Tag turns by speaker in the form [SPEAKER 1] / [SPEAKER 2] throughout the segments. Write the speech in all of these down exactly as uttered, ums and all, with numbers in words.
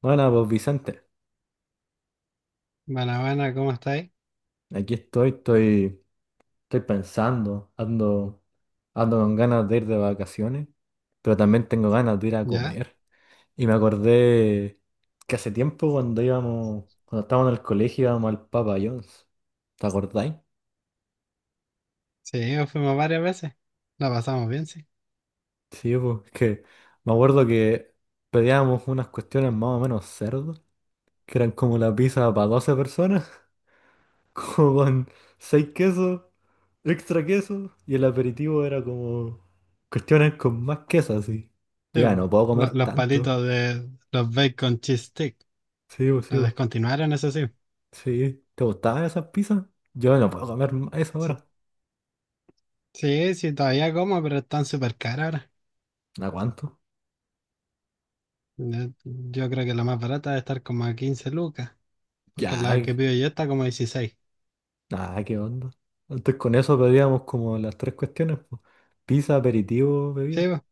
[SPEAKER 1] Bueno, pues Vicente,
[SPEAKER 2] Buena, ¿cómo estáis?
[SPEAKER 1] aquí estoy, estoy, estoy pensando, ando, ando con ganas de ir de vacaciones, pero también tengo ganas de ir a
[SPEAKER 2] ¿Ya?
[SPEAKER 1] comer. Y me acordé que hace tiempo cuando íbamos, cuando estábamos en el colegio íbamos al Papa John's. ¿Te acordáis?
[SPEAKER 2] Sí, fuimos varias veces. La pasamos bien, sí.
[SPEAKER 1] Sí, pues es que me acuerdo que pedíamos unas cuestiones más o menos cerdas, que eran como la pizza para doce personas, como con seis quesos, Extra queso, y el aperitivo era como cuestiones con más queso así. Yo
[SPEAKER 2] Sí,
[SPEAKER 1] ya
[SPEAKER 2] po.
[SPEAKER 1] no puedo comer
[SPEAKER 2] Lo- los
[SPEAKER 1] tanto.
[SPEAKER 2] palitos de los bacon cheese stick.
[SPEAKER 1] Sí, pues, sí,
[SPEAKER 2] Los
[SPEAKER 1] pues.
[SPEAKER 2] descontinuaron, eso sí.
[SPEAKER 1] Sí. ¿Te gustaban esas pizzas? Yo no puedo comer más eso
[SPEAKER 2] Sí,
[SPEAKER 1] ahora.
[SPEAKER 2] sí, sí, todavía como, pero están súper caros ahora.
[SPEAKER 1] ¿A cuánto?
[SPEAKER 2] Yo, yo creo que la más barata debe estar como a quince lucas, porque la
[SPEAKER 1] Ya,
[SPEAKER 2] que pido yo está como dieciséis.
[SPEAKER 1] nada, qué onda. Antes con eso pedíamos como las tres cuestiones, pues. Pizza, aperitivo, bebida.
[SPEAKER 2] Sí, po,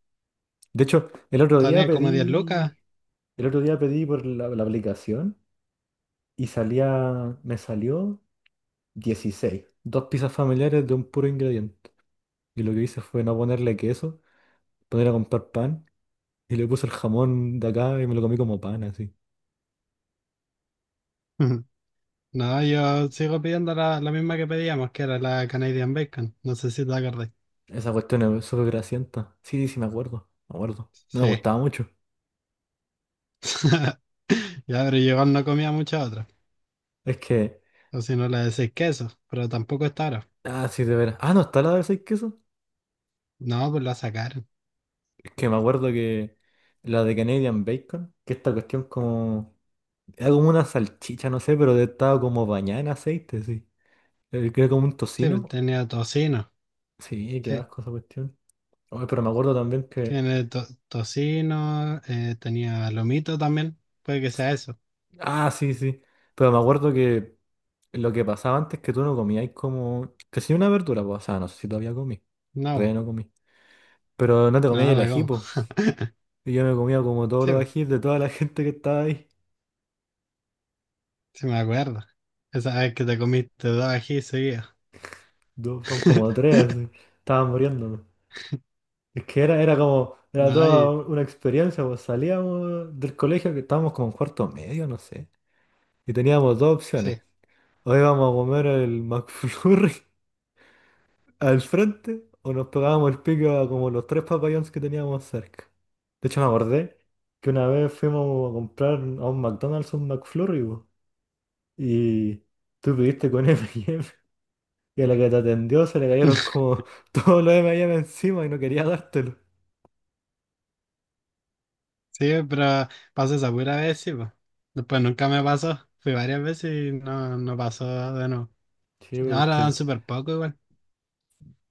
[SPEAKER 1] De hecho, el otro día
[SPEAKER 2] salían como diez lucas.
[SPEAKER 1] pedí, el otro día pedí por la, la aplicación y salía, me salió dieciséis. Dos pizzas familiares de un puro ingrediente. Y lo que hice fue no ponerle queso, poner a comprar pan. Y le puse el jamón de acá y me lo comí como pan, así.
[SPEAKER 2] No, yo sigo pidiendo la, la misma que pedíamos, que era la Canadian Bacon. No sé si te acordás.
[SPEAKER 1] Esa cuestión es súper grasienta. Sí, sí, me acuerdo. Me acuerdo. No me
[SPEAKER 2] Sí.
[SPEAKER 1] gustaba mucho.
[SPEAKER 2] Ya, pero yo igual no comía muchas otras.
[SPEAKER 1] Es que.
[SPEAKER 2] O si no le decís queso, pero tampoco es taro.
[SPEAKER 1] Ah, sí, de veras. Ah, no, está la de seis quesos.
[SPEAKER 2] No, pues la sacaron.
[SPEAKER 1] Es que me acuerdo que la de Canadian Bacon, que esta cuestión como. Era como una salchicha, no sé, pero estaba como bañada en aceite, sí. Eh, Que era como un
[SPEAKER 2] Sí, pues
[SPEAKER 1] tocino.
[SPEAKER 2] tenía tocino.
[SPEAKER 1] Sí, qué
[SPEAKER 2] Sí,
[SPEAKER 1] asco esa cuestión. Oye, pero me acuerdo también que.
[SPEAKER 2] tiene to- tocino, eh, tenía lomito también. Puede que sea eso.
[SPEAKER 1] Ah, sí, sí. Pero me acuerdo que. Lo que pasaba antes que tú no comías como casi una verdura, pues, o sea, no sé si todavía comí, todavía
[SPEAKER 2] No,
[SPEAKER 1] no comí, pero no te comías
[SPEAKER 2] no,
[SPEAKER 1] el
[SPEAKER 2] no
[SPEAKER 1] ají,
[SPEAKER 2] como.
[SPEAKER 1] pues. Y yo me comía como todos
[SPEAKER 2] Sí,
[SPEAKER 1] los
[SPEAKER 2] pues,
[SPEAKER 1] ajís de toda la gente que estaba ahí,
[SPEAKER 2] sí me acuerdo. Esa vez que te comiste dos ají seguidos.
[SPEAKER 1] dos, son como tres, así, estaban muriéndome. Es que era, era como, era
[SPEAKER 2] No,
[SPEAKER 1] toda
[SPEAKER 2] y
[SPEAKER 1] un- una experiencia, pues salíamos del colegio que estábamos como en cuarto medio, no sé, y teníamos dos opciones,
[SPEAKER 2] sí.
[SPEAKER 1] o íbamos a comer el McFlurry al frente o nos pegábamos el pico a como los tres papayons que teníamos cerca. De hecho, me acordé que una vez fuimos a comprar a un McDonald's un McFlurry po, y tú pidiste con eme y eme y eme, y a la que te atendió se le cayeron como todos los eme y eme encima y no quería dártelo.
[SPEAKER 2] Sí, pero pasó esa pura vez, sí, pues. Después nunca me pasó. Fui varias veces y no, no pasó de nuevo.
[SPEAKER 1] Sí, pero es
[SPEAKER 2] Ahora dan
[SPEAKER 1] que
[SPEAKER 2] súper poco igual.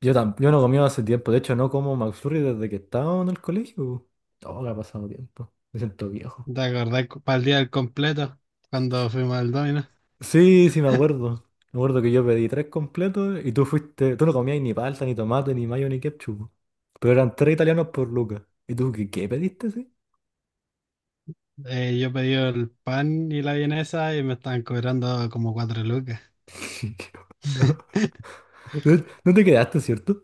[SPEAKER 1] yo, tam- yo no comía hace tiempo. De hecho, no como McFlurry desde que estaba en el colegio. Po. Oh, que ha pasado tiempo. Me siento viejo.
[SPEAKER 2] ¿Te acordás cu- para el día del completo? Cuando fuimos al Domino,
[SPEAKER 1] Sí, sí, me acuerdo. Me acuerdo que yo pedí tres completos y tú fuiste. Tú no comías ni palta, ni tomate, ni mayo, ni ketchup. Po. Pero eran tres italianos por lucas. ¿Y tú qué, qué pediste, sí?
[SPEAKER 2] eh, yo pedí el pan y la vienesa y me estaban cobrando como cuatro lucas.
[SPEAKER 1] ¿Qué onda? No, no te quedaste, ¿cierto?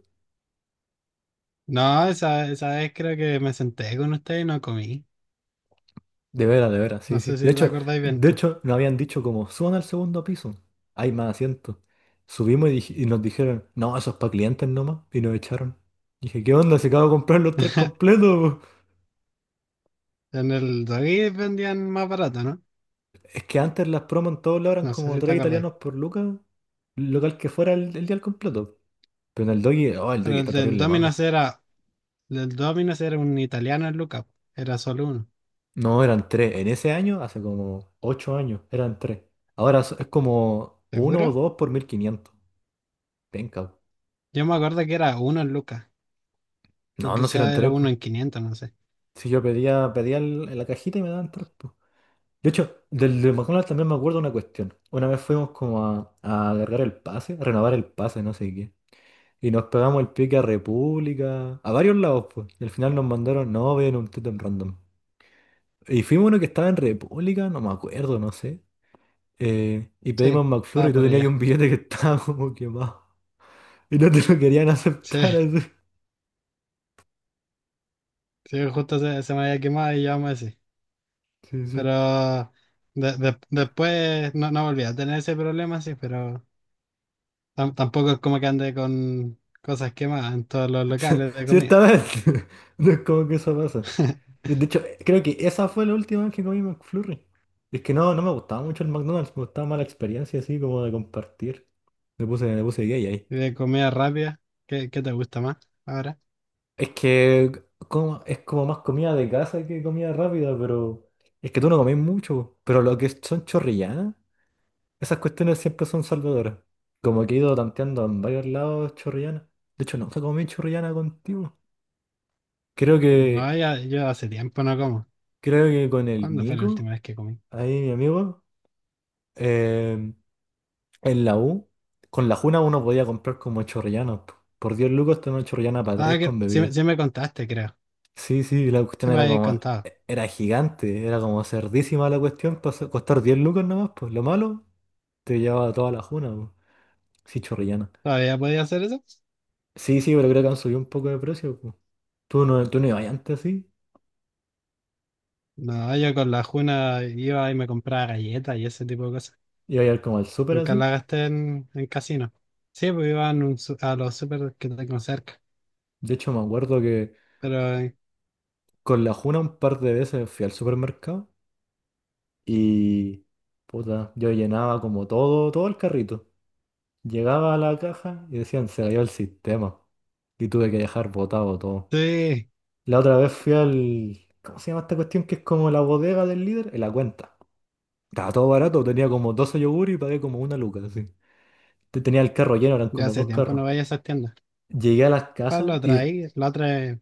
[SPEAKER 2] No, esa, esa vez creo que me senté con usted y no comí.
[SPEAKER 1] De veras, de veras,
[SPEAKER 2] No
[SPEAKER 1] sí,
[SPEAKER 2] sé
[SPEAKER 1] sí.
[SPEAKER 2] si
[SPEAKER 1] De
[SPEAKER 2] te
[SPEAKER 1] hecho,
[SPEAKER 2] acordáis bien
[SPEAKER 1] de
[SPEAKER 2] tú.
[SPEAKER 1] hecho, nos habían dicho como, suban al segundo piso. Hay más asientos. Subimos y, dij- y nos dijeron, no, eso es para clientes nomás. Y nos echaron. Dije, ¿qué onda? Se acaba de comprar los tres completos.
[SPEAKER 2] En el Doggy vendían más barato, ¿no?
[SPEAKER 1] Es que antes las promos en todos lados eran
[SPEAKER 2] No sé
[SPEAKER 1] como
[SPEAKER 2] si te
[SPEAKER 1] tres
[SPEAKER 2] acordáis.
[SPEAKER 1] italianos por lucas, local que fuera el, el día al completo. Pero en el Doggy, oh, el Doggy
[SPEAKER 2] Pero el
[SPEAKER 1] está
[SPEAKER 2] del
[SPEAKER 1] terrible malo.
[SPEAKER 2] Domino's era, el del Domino's era un italiano en lucas. Era solo uno.
[SPEAKER 1] No, eran tres. En ese año, hace como ocho años, eran tres. Ahora so- es como uno o
[SPEAKER 2] ¿Seguro?
[SPEAKER 1] dos por mil quinientos. Venga.
[SPEAKER 2] Yo me acuerdo que era uno en lucas. O
[SPEAKER 1] No, no si
[SPEAKER 2] quizá
[SPEAKER 1] eran
[SPEAKER 2] era
[SPEAKER 1] tres,
[SPEAKER 2] uno
[SPEAKER 1] pues.
[SPEAKER 2] en quinientos, no sé.
[SPEAKER 1] Si yo pedía, pedía el- en la cajita y me daban tres, pues. De hecho, del de McDonald's también me acuerdo una cuestión. Una vez fuimos como a, a agarrar el pase, a renovar el pase, no sé qué. Y nos pegamos el pique a República, a varios lados, pues. Y al final nos mandaron, no, vayan a un tótem random. Y fuimos uno que estaba en República, no me acuerdo, no sé. eh, y
[SPEAKER 2] Sí,
[SPEAKER 1] pedimos McFlurry
[SPEAKER 2] estaba
[SPEAKER 1] y tú
[SPEAKER 2] por
[SPEAKER 1] tenías ahí
[SPEAKER 2] allá.
[SPEAKER 1] un billete que estaba como quemado. Y no te lo querían aceptar
[SPEAKER 2] Sí.
[SPEAKER 1] así.
[SPEAKER 2] Sí, justo se, se me había quemado y yo me así.
[SPEAKER 1] Sí, sí.
[SPEAKER 2] Pero de- de- después no, no volví a tener ese problema, sí, pero tam- tampoco es como que ande con cosas quemadas en todos los locales de comida.
[SPEAKER 1] Ciertamente. No es como que eso pasa. De hecho, creo que esa fue la última vez que comí McFlurry. Es que no, no me gustaba mucho el McDonald's, me gustaba más la experiencia así como de compartir. Me puse, me puse gay ahí.
[SPEAKER 2] Y de comida rápida, ¿qué, qué te gusta más ahora?
[SPEAKER 1] Es que como, es como más comida de casa que comida rápida, pero es que tú no comés mucho. Pero lo que son chorrillanas, esas cuestiones siempre son salvadoras. Como que he ido tanteando en varios lados chorrillanas. De hecho, nunca comí chorrillana contigo. Creo que,
[SPEAKER 2] No, ya- yo hace tiempo no como.
[SPEAKER 1] Creo que con el
[SPEAKER 2] ¿Cuándo fue la
[SPEAKER 1] Nico,
[SPEAKER 2] última vez que comí?
[SPEAKER 1] ahí mi amigo, eh, en la U, con la Juna uno podía comprar como chorrillanas. Po. Por diez lucas tenía una chorrillana para
[SPEAKER 2] Ah,
[SPEAKER 1] tres
[SPEAKER 2] que,
[SPEAKER 1] con
[SPEAKER 2] sí, me
[SPEAKER 1] bebida.
[SPEAKER 2] sí me contaste, creo.
[SPEAKER 1] Sí, sí, la
[SPEAKER 2] Sí
[SPEAKER 1] cuestión
[SPEAKER 2] me
[SPEAKER 1] era
[SPEAKER 2] habías
[SPEAKER 1] como,
[SPEAKER 2] contado.
[SPEAKER 1] e- era gigante, era como cerdísima la cuestión, pasó, costar diez lucas nomás, pues lo malo, te llevaba toda la juna, pues. Sí, chorrillana.
[SPEAKER 2] ¿Todavía podía hacer eso?
[SPEAKER 1] Sí, sí, pero creo que han subido un poco de precio, pues. Tú no, tú no ibas antes así,
[SPEAKER 2] No, yo con la Juna iba y me compraba galletas y ese tipo de cosas.
[SPEAKER 1] ibas a ir como al súper
[SPEAKER 2] Nunca
[SPEAKER 1] así.
[SPEAKER 2] la gasté en, en casino. Sí, pues iba en un su- a los super que tengo cerca.
[SPEAKER 1] De hecho, me acuerdo que
[SPEAKER 2] Pero eh,
[SPEAKER 1] con la juna un par de veces fui al supermercado y, puta, yo llenaba como todo, todo el carrito. Llegaba a la caja y decían, se cayó el sistema. Y tuve que dejar botado todo.
[SPEAKER 2] sí,
[SPEAKER 1] La otra vez fui al... ¿Cómo se llama esta cuestión? Que es como la bodega del líder. En la cuenta. Estaba todo barato. Tenía como doce yogur y pagué como una luca, así. Te- Tenía el carro lleno, eran
[SPEAKER 2] ya
[SPEAKER 1] como
[SPEAKER 2] hace
[SPEAKER 1] dos
[SPEAKER 2] tiempo
[SPEAKER 1] carros.
[SPEAKER 2] no voy a esas tiendas.
[SPEAKER 1] Llegué a las
[SPEAKER 2] ¿Cuál lo
[SPEAKER 1] cajas y
[SPEAKER 2] otra ahí? La otra es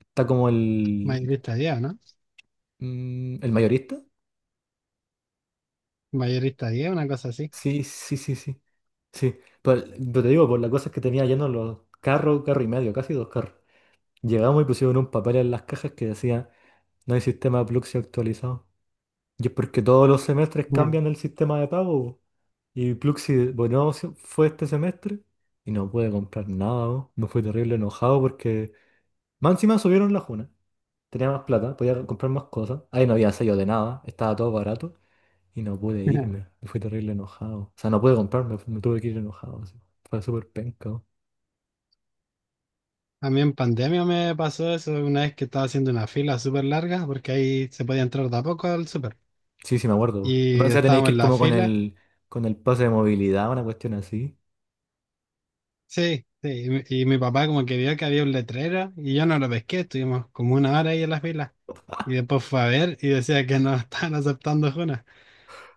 [SPEAKER 1] está como el...
[SPEAKER 2] Mayorista diez, ¿no?
[SPEAKER 1] mm, ¿El mayorista?
[SPEAKER 2] Mayorista diez, una cosa así.
[SPEAKER 1] Sí, sí, sí, sí. Sí. Pero, pero te digo, por la cosa es que tenía lleno los carros, carro y medio, casi dos carros. Llegamos y pusieron un papel en las cajas que decía, no hay sistema de Pluxee actualizado. Y es porque todos los semestres
[SPEAKER 2] Ujú.
[SPEAKER 1] cambian el sistema de pago. Po. Y Pluxi, bueno, se- fue este semestre y no pude comprar nada. Po. Me fui terrible enojado porque más encima subieron la juna. Tenía más plata, podía comprar más cosas. Ahí no había sello de nada, estaba todo barato y no pude
[SPEAKER 2] Ujú.
[SPEAKER 1] irme. Me fui terrible enojado. O sea, no pude comprarme, me tuve que ir enojado. Así. Fue súper penca. Po.
[SPEAKER 2] A mí en pandemia me pasó eso una vez que estaba haciendo una fila súper larga porque ahí se podía entrar de a poco al súper.
[SPEAKER 1] Sí, sí, me acuerdo. Po. Más
[SPEAKER 2] Y
[SPEAKER 1] encima tenéis
[SPEAKER 2] estábamos
[SPEAKER 1] que
[SPEAKER 2] en
[SPEAKER 1] ir
[SPEAKER 2] la
[SPEAKER 1] como con
[SPEAKER 2] fila.
[SPEAKER 1] el, con el pase de movilidad, una cuestión así.
[SPEAKER 2] Sí, sí. Y, mi y mi papá como que vio que había un letrero y yo no lo pesqué. Estuvimos como una hora ahí en la fila. Y después fue a ver y decía que no estaban aceptando Juna,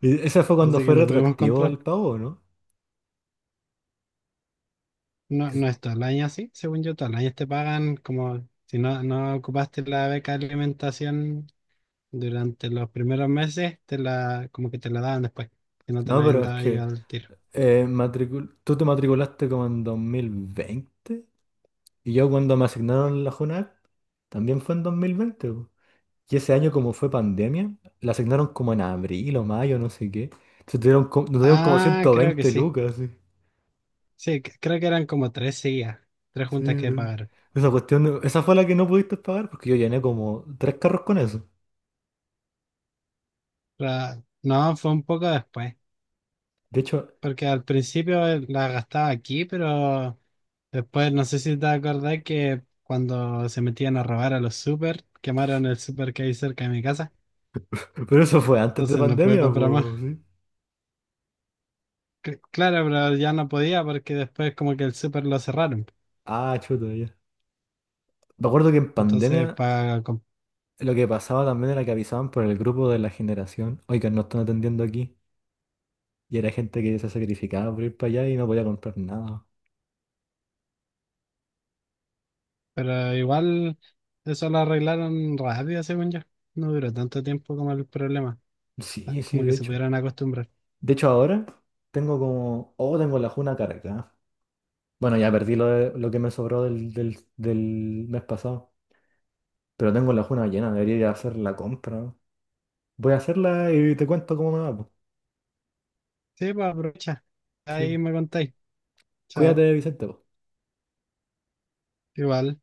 [SPEAKER 1] Y ese fue cuando
[SPEAKER 2] así que
[SPEAKER 1] fue
[SPEAKER 2] no pudimos
[SPEAKER 1] retroactivo
[SPEAKER 2] comprar.
[SPEAKER 1] el pago, ¿no?
[SPEAKER 2] No, no es todo el año así, según yo, todo el año te pagan como si no, no ocupaste la beca de alimentación durante los primeros meses, te la, como que te la daban después, si no te la
[SPEAKER 1] No,
[SPEAKER 2] habían
[SPEAKER 1] pero es
[SPEAKER 2] dado ellos
[SPEAKER 1] que
[SPEAKER 2] al tiro.
[SPEAKER 1] eh, matricul- tú te matriculaste como en dos mil veinte y yo cuando me asignaron la JUNAC también fue en dos mil veinte. Po. Y ese año como fue pandemia, la asignaron como en abril o mayo, no sé qué. Entonces tuvieron co- nos dieron como
[SPEAKER 2] Ah,
[SPEAKER 1] ciento
[SPEAKER 2] creo que
[SPEAKER 1] veinte
[SPEAKER 2] sí.
[SPEAKER 1] lucas. Sí.
[SPEAKER 2] Sí, c- creo que eran como tres seguidas, tres
[SPEAKER 1] Sí,
[SPEAKER 2] juntas que
[SPEAKER 1] eh.
[SPEAKER 2] pagaron.
[SPEAKER 1] Esa cuestión, esa fue la que no pudiste pagar porque yo llené como tres carros con eso.
[SPEAKER 2] La- no, fue un poco después,
[SPEAKER 1] De hecho,
[SPEAKER 2] porque al principio eh, la gastaba aquí, pero después, no sé si te acordás que cuando se metían a robar a los super, quemaron el super que hay cerca de mi casa.
[SPEAKER 1] pero eso fue antes de
[SPEAKER 2] Entonces no pude
[SPEAKER 1] pandemia,
[SPEAKER 2] comprar más.
[SPEAKER 1] pues, sí.
[SPEAKER 2] Cl- claro, pero ya no podía porque después como que el super lo cerraron.
[SPEAKER 1] Ah, chuta, ya. Me acuerdo que en
[SPEAKER 2] Entonces,
[SPEAKER 1] pandemia,
[SPEAKER 2] para...
[SPEAKER 1] lo que pasaba también era que avisaban por el grupo de la generación, oigan, no están atendiendo aquí. Y era gente que se sacrificaba por ir para allá y no podía comprar nada.
[SPEAKER 2] pero igual eso lo arreglaron rápido, según yo. No duró tanto tiempo como el problema. Ah,
[SPEAKER 1] Sí, sí,
[SPEAKER 2] como
[SPEAKER 1] de
[SPEAKER 2] que se
[SPEAKER 1] hecho.
[SPEAKER 2] pudieron acostumbrar.
[SPEAKER 1] De hecho, ahora tengo como, oh, tengo la juna cargada. Bueno, ya perdí lo, de- lo que me sobró del, del, del mes pasado. Pero tengo la juna llena, debería ir a hacer la compra. Voy a hacerla y te cuento cómo me va. Po.
[SPEAKER 2] Sí, pues aprovecha.
[SPEAKER 1] Sí.
[SPEAKER 2] Ahí
[SPEAKER 1] po.
[SPEAKER 2] me contáis. Chao.
[SPEAKER 1] Cuídate, Vicente. Po.
[SPEAKER 2] Igual.